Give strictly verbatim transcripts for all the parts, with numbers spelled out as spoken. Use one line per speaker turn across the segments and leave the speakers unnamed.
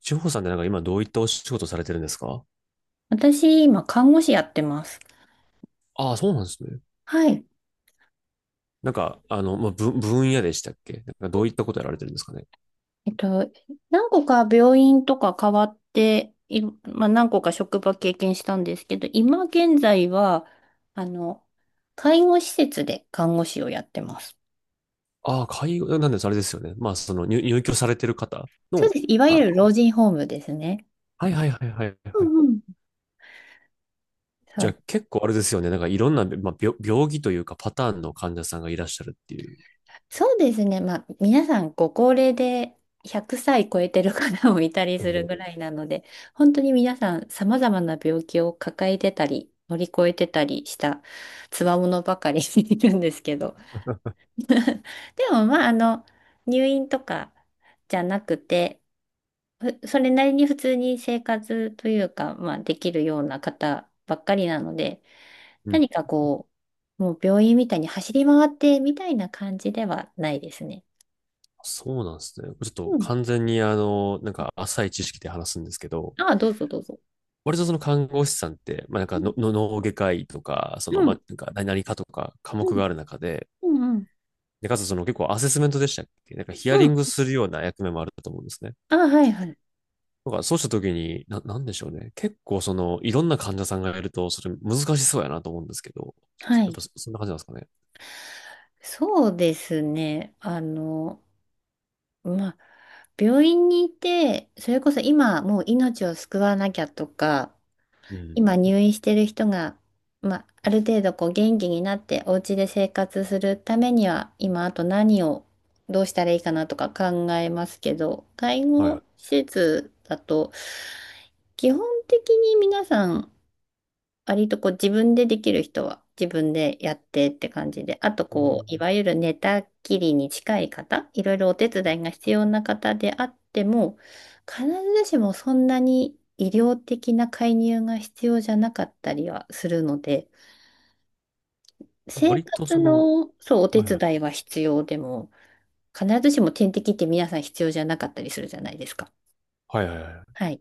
志保さんってなんか今どういったお仕事されてるんですか？
私、今、看護師やってます。
ああ、そうなんですね。
はい。
なんか、あの、まあ、ぶ分野でしたっけ、なんかどういったことやられてるんですかね？
えっと、何個か病院とか変わって、い、まあ、何個か職場経験したんですけど、今現在は、あの、介護施設で看護師をやってます。
ああ、介護、なんです、あれですよね。まあ、その入、入居されてる方
そう
の。
です。いわ
あ
ゆる老
の、
人ホームですね。
はいはいはいはい
う
はい。
んうん。そ
じゃ
う
あ結構あれですよね。なんかいろんな、まあ、病、病気というかパターンの患者さんがいらっしゃるっていう。
そうですね。まあ、皆さんご高齢でひゃくさい超えてる方もいたり
お
するぐ
ー。
らいなので、本当に皆さん様々な病気を抱えてたり、乗り越えてたりした強者ばかり いるんですけど。でも、まあ、あの、入院とかじゃなくて、ふそれなりに普通に生活というか、まあ、できるような方ばっかりなので、
うん。
何かこう、もう病院みたいに走り回ってみたいな感じではないですね。
そうなんですね。ちょっと
うん。
完全にあの、なんか浅い知識で話すんですけど、
ああ、どうぞどうぞ。
割とその看護師さんって、まあ、なん
う
か
ん、
の、の脳外科医とか、そ
う
の、ま
ん、
あ、なんか、何々かとか科
う
目があ
ん、
る中で、
うん。
で、かつその結構アセスメントでしたっけ、なんかヒア
う
リ
ん。
ングするような役目もあると思うんですね。
ああ、はいはい。
だからそうした時に、な、なんでしょうね。結構その、いろんな患者さんがいると、それ難しそうやなと思うんですけど、そ
は
やっ
い。
ぱそそんな感じなんですかね？
そうですね。あの、まあ、病院にいて、それこそ今もう命を救わなきゃとか、
うん。
今入院してる人が、まあ、ある程度こう元気になってお家で生活するためには、今あと何をどうしたらいいかなとか考えますけど、介
はいは
護
い。
施設だと、基本的に皆さん割とこう自分でできる人は自分でやってって感じで、あと
う
こ
ん。
う、いわゆる寝たきりに近い方、いろいろお手伝いが必要な方であっても、必ずしもそんなに医療的な介入が必要じゃなかったりはするので、
あ、
生
割と
活
その、
の、そう、お手
はいはい。
伝いは必要でも、必ずしも点滴って皆さん必要じゃなかったりするじゃないですか。
はいはいはい。
はい。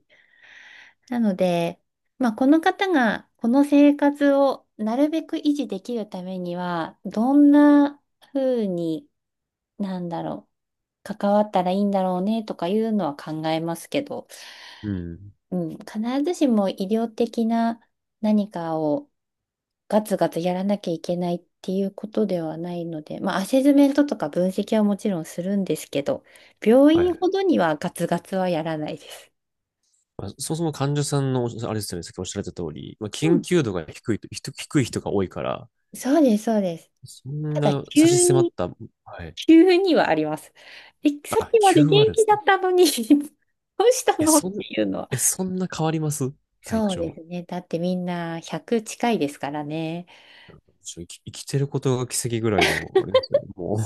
なので、まあ、この方がこの生活をなるべく維持できるためには、どんな風に、なんだろう、関わったらいいんだろうねとかいうのは考えますけど、
うん。
うん、必ずしも医療的な何かをガツガツやらなきゃいけないっていうことではないので、まあ、アセスメントとか分析はもちろんするんですけど、病
はい
院
はい。
ほどにはガツガツはやらないです。
まあ、そもそも患者さんの、あれですよね、さっきおっしゃられた通り、まあ、
う
緊
ん、
急度が低いと、低低い人が多いから、
そうです、そうです。
そん
ただ、
な差し
急
迫っ
に、
た。はい。
急にはあります。え、さっ
あ、
きまで
きゅう
元
割で
気
す
だっ
ね。
たのに どうした
え、
のって
そん、
いうのは。
え、そんな変わります？体
そうで
調。
すね。だってみんなひゃく近いですからね。
ちょ生き、生きてることが奇跡ぐらいの、あれですよね。もう。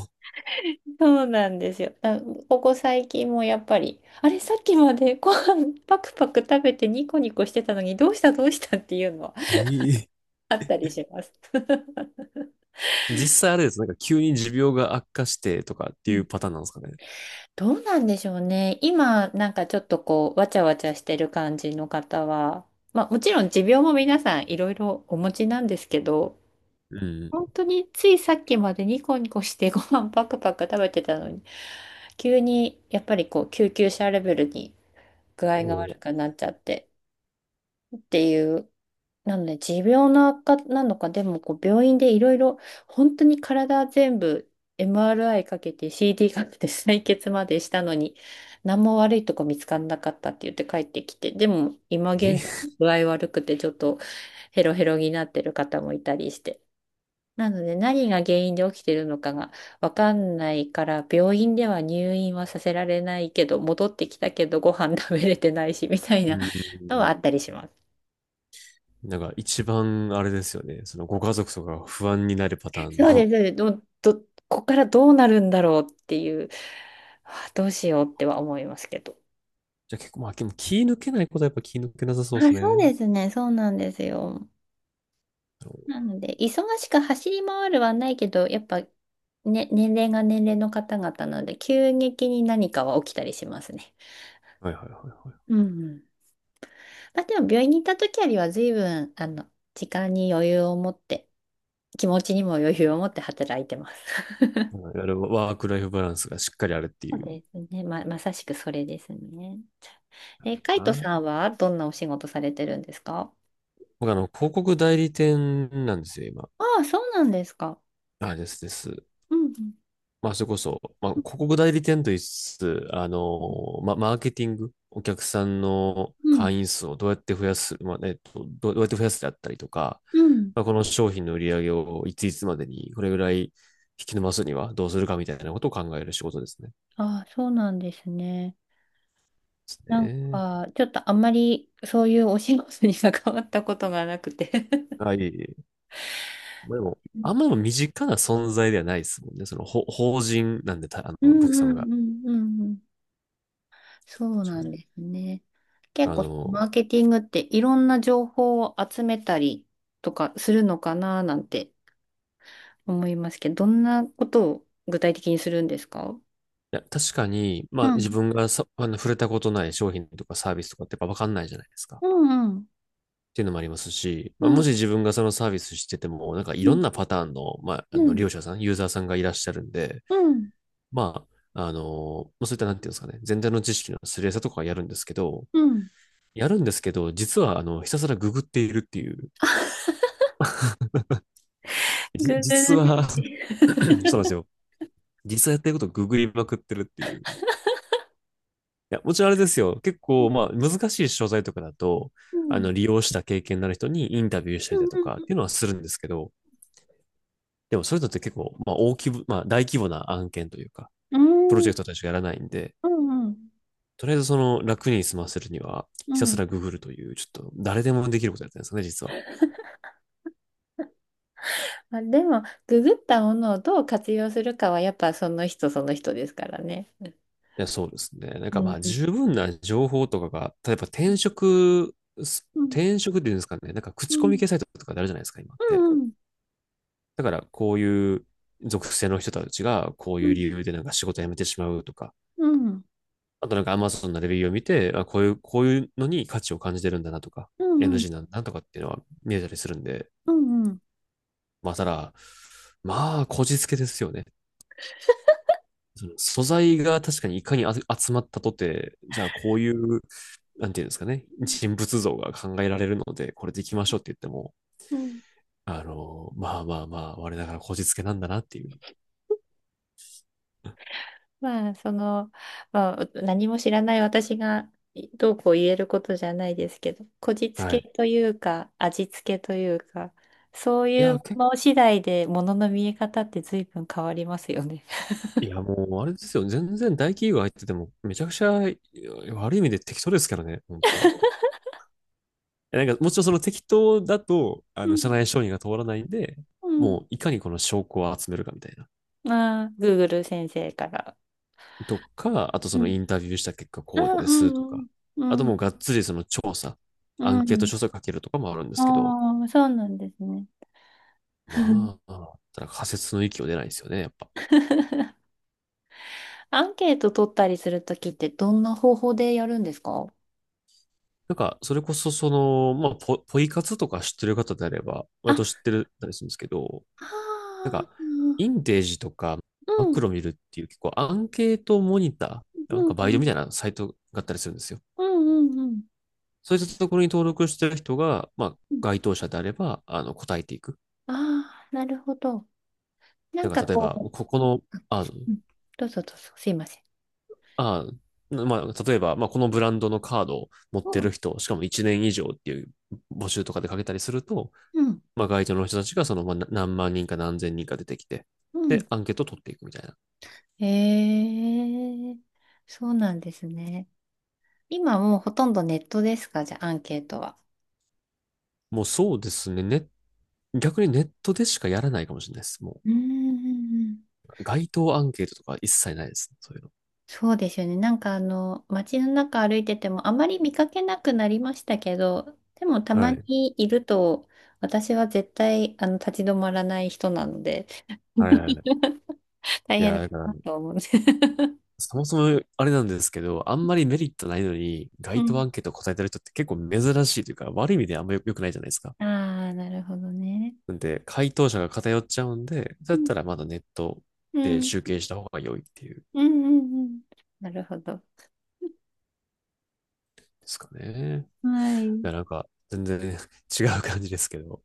そうなんですよ。あここ最近もやっぱり、あれ、さっきまでご飯パクパク食べてニコニコしてたのに、どうしたどうしたっていうのは
ええ。
あったりします。
実際あれです。なんか急に持病が悪化してとかっていうパターンなんですかね？
どうなんでしょうね。今、なんかちょっとこう、わちゃわちゃしてる感じの方は、まあもちろん持病も皆さんいろいろお持ちなんですけど、
う
本
ん。
当についさっきまでニコニコしてご飯パクパク食べてたのに、急にやっぱりこう、救急車レベルに具
お
合が悪
う。
くなっちゃってっていうなので、持病の悪化なのか、でもこう病院でいろいろ、本当に体全部 エムアールアイ かけて シーディー かけて採血までしたのに、何も悪いとこ見つからなかったって言って帰ってきて、でも今現在
え。
具合悪くてちょっとヘロヘロになってる方もいたりして。なので、何が原因で起きてるのかがわかんないから、病院では入院はさせられないけど、戻ってきたけどご飯食べれてないし、みたい
う
なのは
ん。
あったりします。
なんか一番あれですよね。そのご家族とかが不安になるパターン
そうで
の。
す、そうですど、ど、ここからどうなるんだろうっていう、あどうしようっては思いますけど。
じゃあ結構、まあ、でも気抜けないことはやっぱ気抜けなさそ
あ、
うです
そう
ね。
ですね。そうなんですよ。なので、忙しく走り回るはないけど、やっぱ、ね、年齢が年齢の方々なので、急激に何かは起きたりしますね。
はいはいはいはい。
うんうん。まあ、でも、病院に行った時よりは、随分、あの、時間に余裕を持って、気持ちにも余裕を持って働いてます。
うん。いわゆるワークライフバランスがしっかりあるって
そう
いう
ですね。ま、まさしくそれですね。
の
え、カイ
か
トさ
な。
んはどんなお仕事されてるんですか？
僕あの、広告代理店なんですよ、今。
ああ、そうなんですか。
あ、ですです。
うんうん。
まあ、それこそ、まあ、広告代理店と言いつつ、あの、ま、マーケティング、お客さんの
うん。
会員数をどうやって増やす、まあ、えっと、どうどうやって増やすであったりとか、
うん
まあ、この商品の売り上げをいついつまでに、これぐらい引き伸ばすにはどうするかみたいなことを考える仕事ですね。
ああ、そうなんですね。なん
ね
か、ちょっとあんまりそういうお仕事に関わったことがなくて。
え。はい。まあでも、
う
あん
ん
までも身近な存在ではないですもんね。その、ほ法人なんで、た、あ
う
の、お
んう
客様が。
んうんうん。そう
確か
なん
に。
ですね。結
あ
構、
の、
マーケティングっていろんな情報を集めたりとかするのかななんて思いますけど、どんなことを具体的にするんですか？
いや、確かに、ま
う
あ
ん。
自分がさ、あの、触れたことない商品とかサービスとかってやっぱわかんないじゃないですか。っ
うんうん。
ていうのもありますし、まあ、もし自分がそのサービスしてても、なんかい
う
ろ
ん
んなパターンの、まあ、
う
あの、利
ん
用者さん、ユーザーさんがいらっしゃるんで、
うん
まあ、あの、まあそういったなんていうんですかね、全体の知識のすり合わせとかはやるんですけど、
うん
やるんですけど、実は、あの、ひたすらググっているっていう。じ
ググ
実
る
は
し、
そうなんですよ。実際やってることをググりまくってるっていう。いや、もちろんあれですよ。結構、まあ、難しい商材とかだと、
う
あ
ん
の、利用した経験のある人にインタビューした
う
りだとかっていう
ん
のはするんですけど、でもそういうのって結構、まあ、大規模、まあ、大規模な案件というか、
うんう
プロ
ん
ジ
うん
ェクトたちがやらないんで、
うん
とりあえずその楽に済ませるには、
う
ひ
ん
た
う
す
ん
らググるという、ちょっと誰でもできることやってるんですよね、実は。
あでもググったものをどう活用するかはやっぱその人その人ですからね。
いや、そうですね。なんか
う
ま
ん
あ、
うん
十分な情報とかが、例えば、転職、
うん
転職っていうんですかね、なんか
う
口コミ
ん
系サイトとかであるじゃないですか、今っ
う
て。
ん
だからこういう属性の人たちがこう
う
いう
ん
理由でなんか仕事辞めてしまうとか、
うんうん
あとなんか Amazon のレビューを見て、あ、こういう、こういうのに価値を感じてるんだなとか、
うんうん
エヌジー なんだとかっていうのは見えたりするんで、
うん
まあただ、まあ、こじつけですよね。その素材が確かにいかにあ集まったとて、じゃあこういう、なんていうんですかね、人物像が考えられるので、これでいきましょうって言っても、
うん
あの、まあまあまあ、我ながらこじつけなんだなっていう。
まあ、その、まあ、何も知らない私がどうこう言えることじゃないですけど、こじつ
は
け
い。
というか、味付けというか、そう
い
いう
や、結
もの次第でものの見え方って随分変わりますよね。
いや、もう、あれですよ。全然大企業入ってても、めちゃくちゃいや悪い意味で適当ですからね、本当。えなんか、もちろんその適当だと、あ
う
の、
ん、
社内承認が通らないんで、
う
もう、いかにこの証拠を集めるかみたいな。
ん、ああ、グーグル 先生から。
とか、あと
う
そのイ
ん、
ンタビューした結果
あ
こう
あ、
ですと
うん、
か、
う
あと
ん、
もうがっつりその調査、
う
ア
ん、う
ンケート
ん。
調査かけるとかもあるんですけど、
ああ、そうなんですね。
まあ、ただ仮説の域を出ないですよね、やっぱ。
アンケート取ったりするときってどんな方法でやるんですか？
なんか、それこそその、まあ、ポ、ポイ活とか知ってる方であれば、割と知っ
あ、
てるたりするんですけど、なん
あ
か、イ
あ、
ンテージとか
う
マク
ん、
ロ見るっていう結構アンケートモニター、なん
う
か
ん、
バイ
う
トみ
ん、
たいなサイトがあったりするんですよ。
うん、うん。
そういったところに登録してる人が、まあ、
うん
該当者であれば、あの、答えていく。
ああなるほど。な
な
ん
ん
か
か、例え
こ
ば、
う、
ここの、あ、
うんどうぞどうぞ、すいません。
あ、まあ、例えば、まあ、このブランドのカードを持っ
う
て
ん、
る人、しかもいちねん以上っていう募集とかでかけたりすると、
うん、
まあ、該当の人たちが、その、まあ、何万人か何千人か出てきて、
う
で、
ん。
アンケートを取っていくみたいな。
へえ、そうなんですね。今もうほとんどネットですか、じゃあ、アンケートは。
もうそうですね。ネッ逆にネットでしかやらないかもしれないです。も
うーん、
う、街頭アンケートとか一切ないですね。そういう
そうですよね。なんかあの、街の中歩いててもあまり見かけなくなりましたけど、でもた
の。
ま
はい。
にいると、私は絶対あの立ち止まらない人なので。
はいはいはい。
大
い
変
や、
だ
だから、
なと思う。
そもそもあれなんですけど、あんまりメリットないのに、
う
街頭
ん。
アンケート答えてる人って結構珍しいというか、悪い意味であんまり良くないじゃないですか。
ああ、なるほどね。
なんで、回答者が偏っちゃうんで、だ
う
っ
ん。
たらまだネット
う
で
ん。
集計した方が良いっていうんで
うん。うん。うんなるほど。
すかね。
はい。
いや、なんか、全然 違う感じですけど。